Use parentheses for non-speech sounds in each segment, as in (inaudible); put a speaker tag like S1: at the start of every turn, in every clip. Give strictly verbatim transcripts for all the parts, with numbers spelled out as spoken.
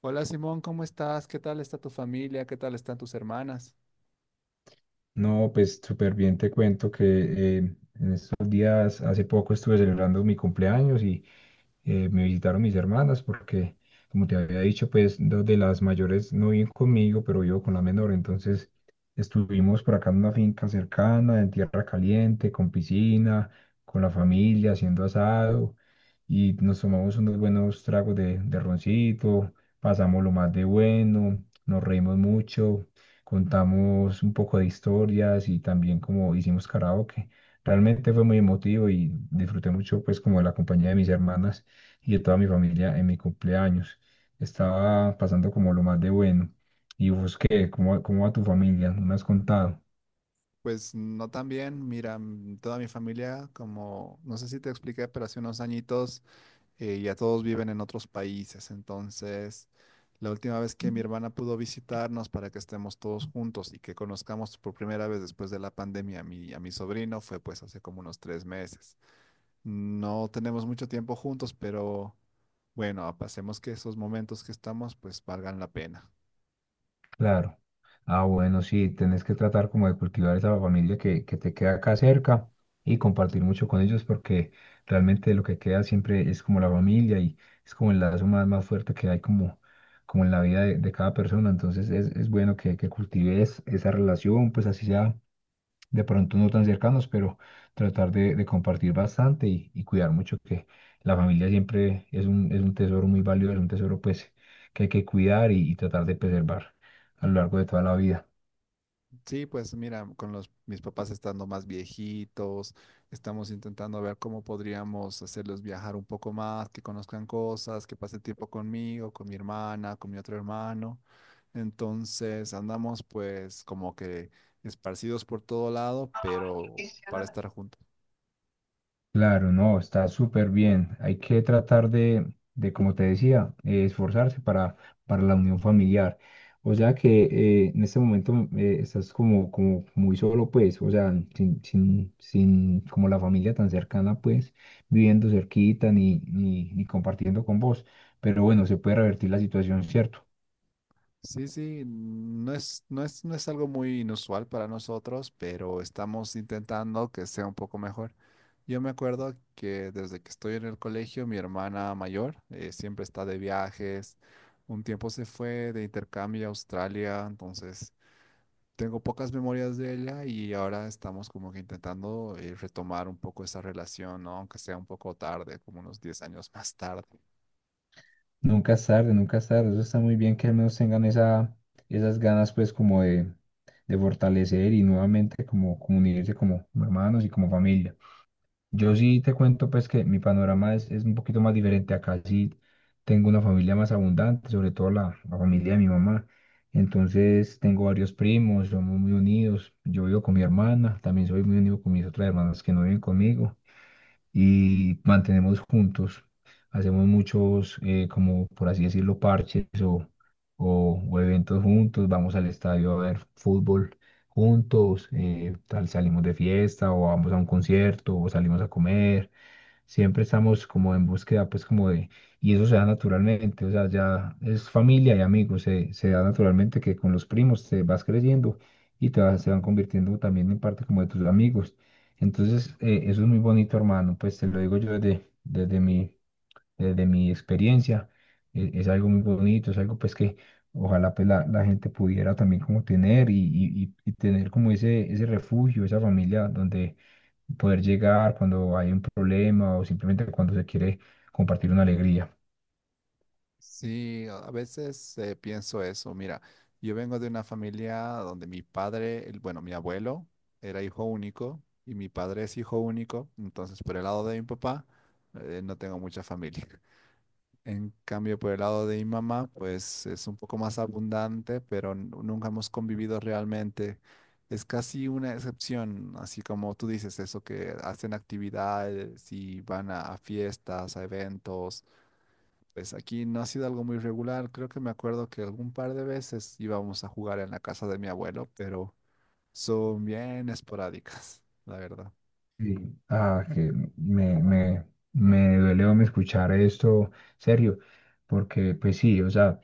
S1: Hola Simón, ¿cómo estás? ¿Qué tal está tu familia? ¿Qué tal están tus hermanas?
S2: No, pues súper bien, te cuento que eh, en estos días, hace poco estuve celebrando mi cumpleaños y eh, me visitaron mis hermanas porque, como te había dicho, pues dos de las mayores no viven conmigo, pero vivo con la menor. Entonces estuvimos por acá en una finca cercana, en tierra caliente, con piscina, con la familia, haciendo asado y nos tomamos unos buenos tragos de, de roncito, pasamos lo más de bueno, nos reímos mucho, contamos un poco de historias y también como hicimos karaoke. Realmente fue muy emotivo y disfruté mucho pues como de la compañía de mis hermanas y de toda mi familia en mi cumpleaños. Estaba pasando como lo más de bueno. ¿Y vos qué? ¿Cómo, cómo va tu familia? ¿No me has contado?
S1: Pues no tan bien, mira, mm, toda mi familia, como no sé si te expliqué, pero hace unos añitos eh, ya todos viven en otros países, entonces la última vez que mi hermana pudo visitarnos para que estemos todos juntos y que conozcamos por primera vez después de la pandemia a mi, a mi sobrino fue pues hace como unos tres meses. No tenemos mucho tiempo juntos, pero bueno, pasemos que esos momentos que estamos pues valgan la pena.
S2: Claro. Ah, bueno, sí, tenés que tratar como de cultivar esa familia que, que te queda acá cerca y compartir mucho con ellos porque realmente lo que queda siempre es como la familia y es como el lazo más, más fuerte que hay como, como en la vida de, de cada persona. Entonces es, es bueno que, que cultives esa relación, pues así sea de pronto no tan cercanos, pero tratar de, de compartir bastante y, y cuidar mucho que la familia siempre es un, es un tesoro muy valioso, es un tesoro pues que hay que cuidar y, y tratar de preservar a lo largo de toda la vida.
S1: Sí, pues mira, con los mis papás estando más viejitos, estamos intentando ver cómo podríamos hacerlos viajar un poco más, que conozcan cosas, que pase tiempo conmigo, con mi hermana, con mi otro hermano. Entonces andamos pues como que esparcidos por todo lado, pero para estar juntos.
S2: Claro, no, está súper bien. Hay que tratar de, de, como te decía, eh, esforzarse para, para la unión familiar. O sea que eh, en este momento eh, estás como, como muy solo, pues, o sea, sin, sin, sin como la familia tan cercana, pues, viviendo cerquita ni, ni, ni compartiendo con vos. Pero bueno, se puede revertir la situación, ¿cierto?
S1: Sí, sí, no es, no es, no es algo muy inusual para nosotros, pero estamos intentando que sea un poco mejor. Yo me acuerdo que desde que estoy en el colegio, mi hermana mayor eh, siempre está de viajes. Un tiempo se fue de intercambio a Australia, entonces tengo pocas memorias de ella y ahora estamos como que intentando eh, retomar un poco esa relación, ¿no? Aunque sea un poco tarde, como unos diez años más tarde.
S2: Nunca es tarde, nunca es tarde. Eso está muy bien que al menos tengan esa, esas ganas pues como de, de fortalecer y nuevamente como, como unirse como como hermanos y como familia. Yo sí te cuento pues que mi panorama es, es un poquito más diferente. Acá sí tengo una familia más abundante, sobre todo la, la familia de mi mamá. Entonces tengo varios primos, somos muy unidos. Yo vivo con mi hermana, también soy muy unido con mis otras hermanas que no viven conmigo y mantenemos juntos. Hacemos muchos, eh, como por así decirlo, parches o, o, o eventos juntos. Vamos al estadio a ver fútbol juntos, eh, tal, salimos de fiesta o vamos a un concierto o salimos a comer, siempre estamos como en búsqueda, pues como de, y eso se da naturalmente, o sea, ya es familia y amigos, se, se da naturalmente que con los primos te vas creyendo y te vas- se van convirtiendo también en parte como de tus amigos. Entonces, eh, eso es muy bonito, hermano, pues te lo digo yo desde, desde mi desde mi experiencia. e- Es, algo muy bonito, es algo pues que ojalá pues la, la gente pudiera también como tener y, y- y- y tener como ese, ese refugio, esa familia donde poder llegar cuando hay un problema o simplemente cuando se quiere compartir una alegría.
S1: Sí, a a veces eh, pienso eso. Mira, yo vengo de una familia donde mi padre, el- bueno, mi abuelo era hijo único y mi padre es hijo único. Entonces, por el lado de mi papá, eh, no tengo mucha familia. (laughs) En cambio, por el lado de mi mamá, pues es un poco más abundante, pero n- nunca hemos convivido realmente. Es casi una excepción, así como tú dices, eso que hacen actividades y van a a fiestas, a eventos pues aquí no ha sido algo muy regular. Creo que me acuerdo que algún par de veces íbamos a jugar en la casa de mi abuelo, pero son bien esporádicas, (laughs) la verdad.
S2: Sí, ah, que me, me, me duele me escuchar esto, serio, porque pues sí, o sea,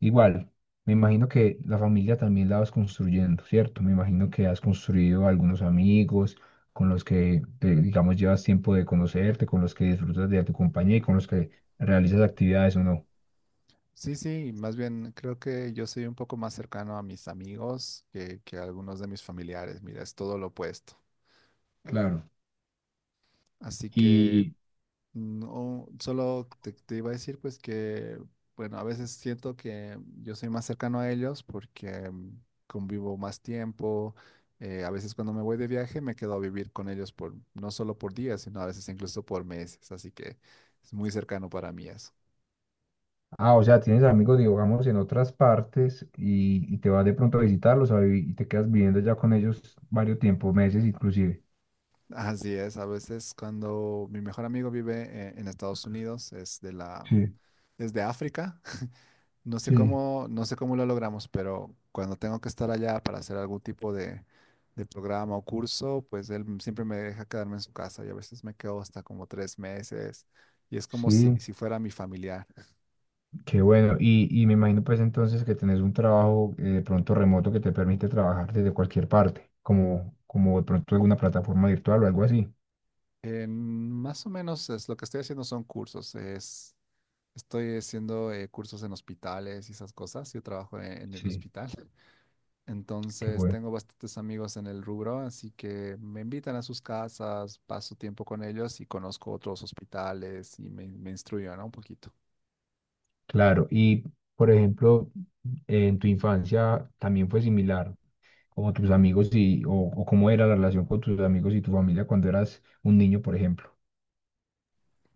S2: igual, me imagino que la familia también la vas construyendo, ¿cierto? Me imagino que has construido algunos amigos con los que, te- digamos, llevas tiempo de conocerte, con los que disfrutas de tu compañía y con los que realizas actividades o no.
S1: Sí, sí, más bien creo que yo soy un poco más cercano a mis amigos que, que a algunos de mis familiares. Mira, es todo lo opuesto.
S2: Claro.
S1: Así que
S2: Y
S1: no, solo te, te iba a decir pues que, bueno, a veces siento que yo soy más cercano a ellos porque mm, convivo más tiempo. Eh, a veces cuando me voy de viaje me quedo a vivir con ellos por no solo por días, sino a veces incluso por meses. Así que es muy cercano para mí eso.
S2: ah, o sea, tienes amigos, digamos, en otras partes y, y te vas de pronto a visitarlos a vi- y te quedas viviendo ya con ellos varios tiempos, meses inclusive.
S1: (laughs) Así es, a veces cuando mi mejor amigo vive eh, en Estados Unidos, es de la,
S2: Sí,
S1: es de África. No sé
S2: sí.
S1: cómo, no sé cómo lo logramos, pero cuando tengo que estar allá para hacer algún tipo de, de programa o curso, pues él m- siempre me deja quedarme en su casa y a veces me quedo hasta como tres meses y es como si,
S2: Sí,
S1: si fuera mi familiar.
S2: qué bueno. Y, y me imagino pues entonces que tenés un trabajo eh, de pronto remoto que te permite trabajar desde cualquier parte, como, como de pronto alguna plataforma virtual o algo así.
S1: En- más o menos es, lo que estoy haciendo son cursos, es, estoy haciendo eh, cursos en hospitales y esas cosas, yo trabajo en, en el
S2: Sí.
S1: hospital. (laughs)
S2: Qué
S1: Entonces
S2: bueno.
S1: tengo bastantes amigos en el rubro, así que me invitan a sus casas, paso tiempo con ellos y conozco otros hospitales y me, me instruyo, ¿no? Un poquito.
S2: Claro. Y por ejemplo, en tu infancia también fue similar, como tus amigos y, o, o cómo era la relación con tus amigos y tu familia cuando eras un niño, por ejemplo.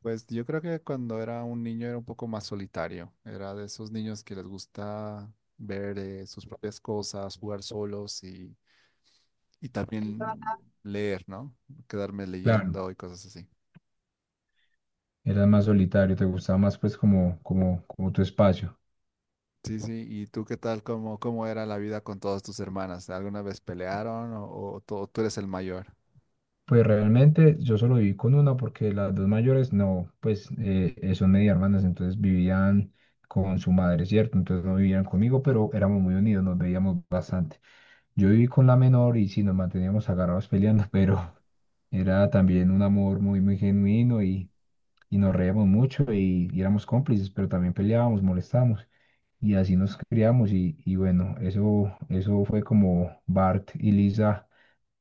S1: Pues yo creo que cuando era un niño era un poco más solitario. Era de esos niños que les gusta ver eh, sus propias cosas, jugar solos y, y también leer, ¿no? Quedarme
S2: Claro,
S1: leyendo y cosas así.
S2: eras más solitario, te gustaba más pues como, como, como tu espacio.
S1: Sí, sí. ¿Y tú qué tal? ¿Cómo, cómo era la vida con todas tus hermanas? ¿Alguna vez pelearon o, o tú tú eres el mayor?
S2: Pues realmente yo solo viví con una porque las dos mayores no, pues eh, eh, son media hermanas, entonces vivían con su madre, ¿cierto? Entonces no vivían conmigo, pero éramos muy unidos, nos veíamos bastante. Yo viví con la menor y sí, nos manteníamos agarrados peleando, pero (laughs) era también un amor muy, muy genuino y y nos reíamos mucho y, y éramos cómplices, pero también peleábamos, molestábamos y así nos criamos y, y bueno, eso, eso fue como Bart y Lisa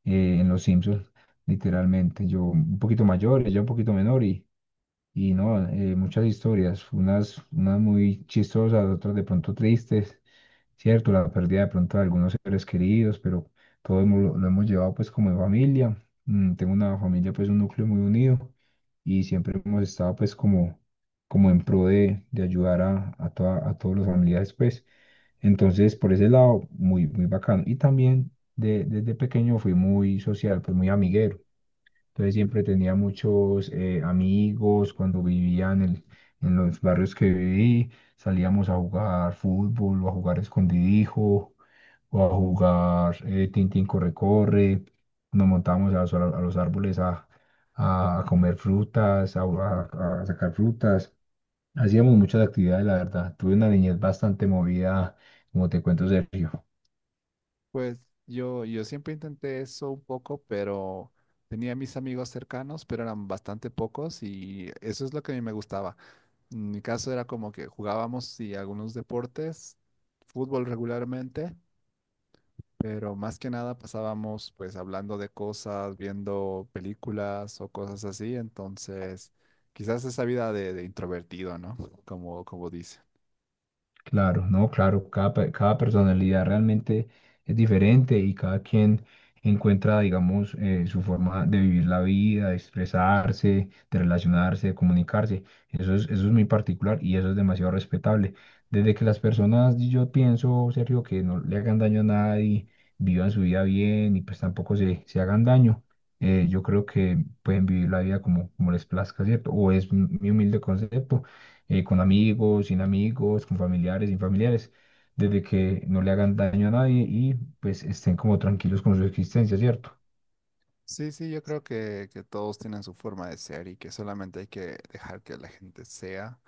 S2: eh, en Los Simpsons, literalmente. Yo un poquito mayor, ella un poquito menor y, y no, eh, muchas historias, unas, unas muy chistosas, otras de pronto tristes, cierto, la pérdida de pronto de algunos seres queridos, pero todo hemos- lo, lo hemos llevado pues como en familia. Mm, tengo una familia pues un núcleo muy unido y siempre hemos estado pues como, como en pro de, de ayudar a, a, toda- a todos los familiares pues. Entonces por ese lado muy, muy bacano. Y también de- desde pequeño fui muy social, pues muy amiguero. Entonces siempre tenía muchos eh, amigos cuando vivía en el- en los barrios que viví. Salíamos a jugar fútbol o a jugar escondidijo o a jugar eh, tintín corre-corre. Nos montábamos a, los a los árboles a, a comer frutas, a, a- a sacar frutas. Hacíamos muchas actividades, la verdad. Tuve una niñez bastante movida, como te cuento, Sergio.
S1: Pues yo, yo siempre intenté eso un poco, pero tenía mis amigos cercanos, pero eran bastante pocos y eso es lo que a mí me gustaba. En mi caso era como que jugábamos sí, algunos deportes, fútbol regularmente, pero más que nada pasábamos pues hablando de cosas, viendo películas o cosas así. Entonces, quizás esa vida de, de introvertido, ¿no? (laughs) Como, como dice.
S2: Claro, no, claro, cada, pe- cada personalidad realmente es diferente y cada quien encuentra, digamos, eh, su forma de vivir la vida, de expresarse, de relacionarse, de comunicarse. Eso es, eso es muy particular y eso es demasiado respetable. Desde que las personas, yo pienso, Sergio, que no le hagan daño a nadie, vivan su vida bien y pues tampoco se, se hagan daño, eh, yo creo que pueden vivir la vida como, como les plazca, ¿cierto? O es mi mi humilde concepto, eh, con amigos, sin amigos, con familiares, sin familiares, desde que no le hagan daño a nadie y pues estén como tranquilos con su existencia, ¿cierto?
S1: Sí, sí, yo creo que, que todos tienen su forma de ser y que solamente hay que dejar que la gente sea.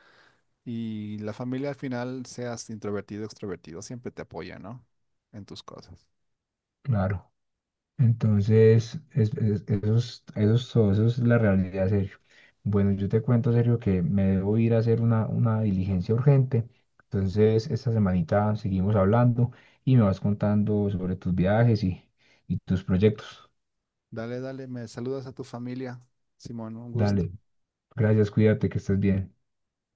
S1: Y la familia al final, seas introvertido o extrovertido, siempre te apoya, ¿no? En tus cosas.
S2: Claro. Entonces, es, es- eso es, eso es todo, eso es la realidad, Sergio. Bueno, yo te cuento, Sergio, que me debo ir a hacer una, una diligencia urgente. Entonces, esta semanita seguimos hablando y me vas contando sobre tus viajes y, y tus proyectos.
S1: Dale, dale, me saludas a tu familia, Simón, un gusto.
S2: Dale, gracias, cuídate, que estés bien.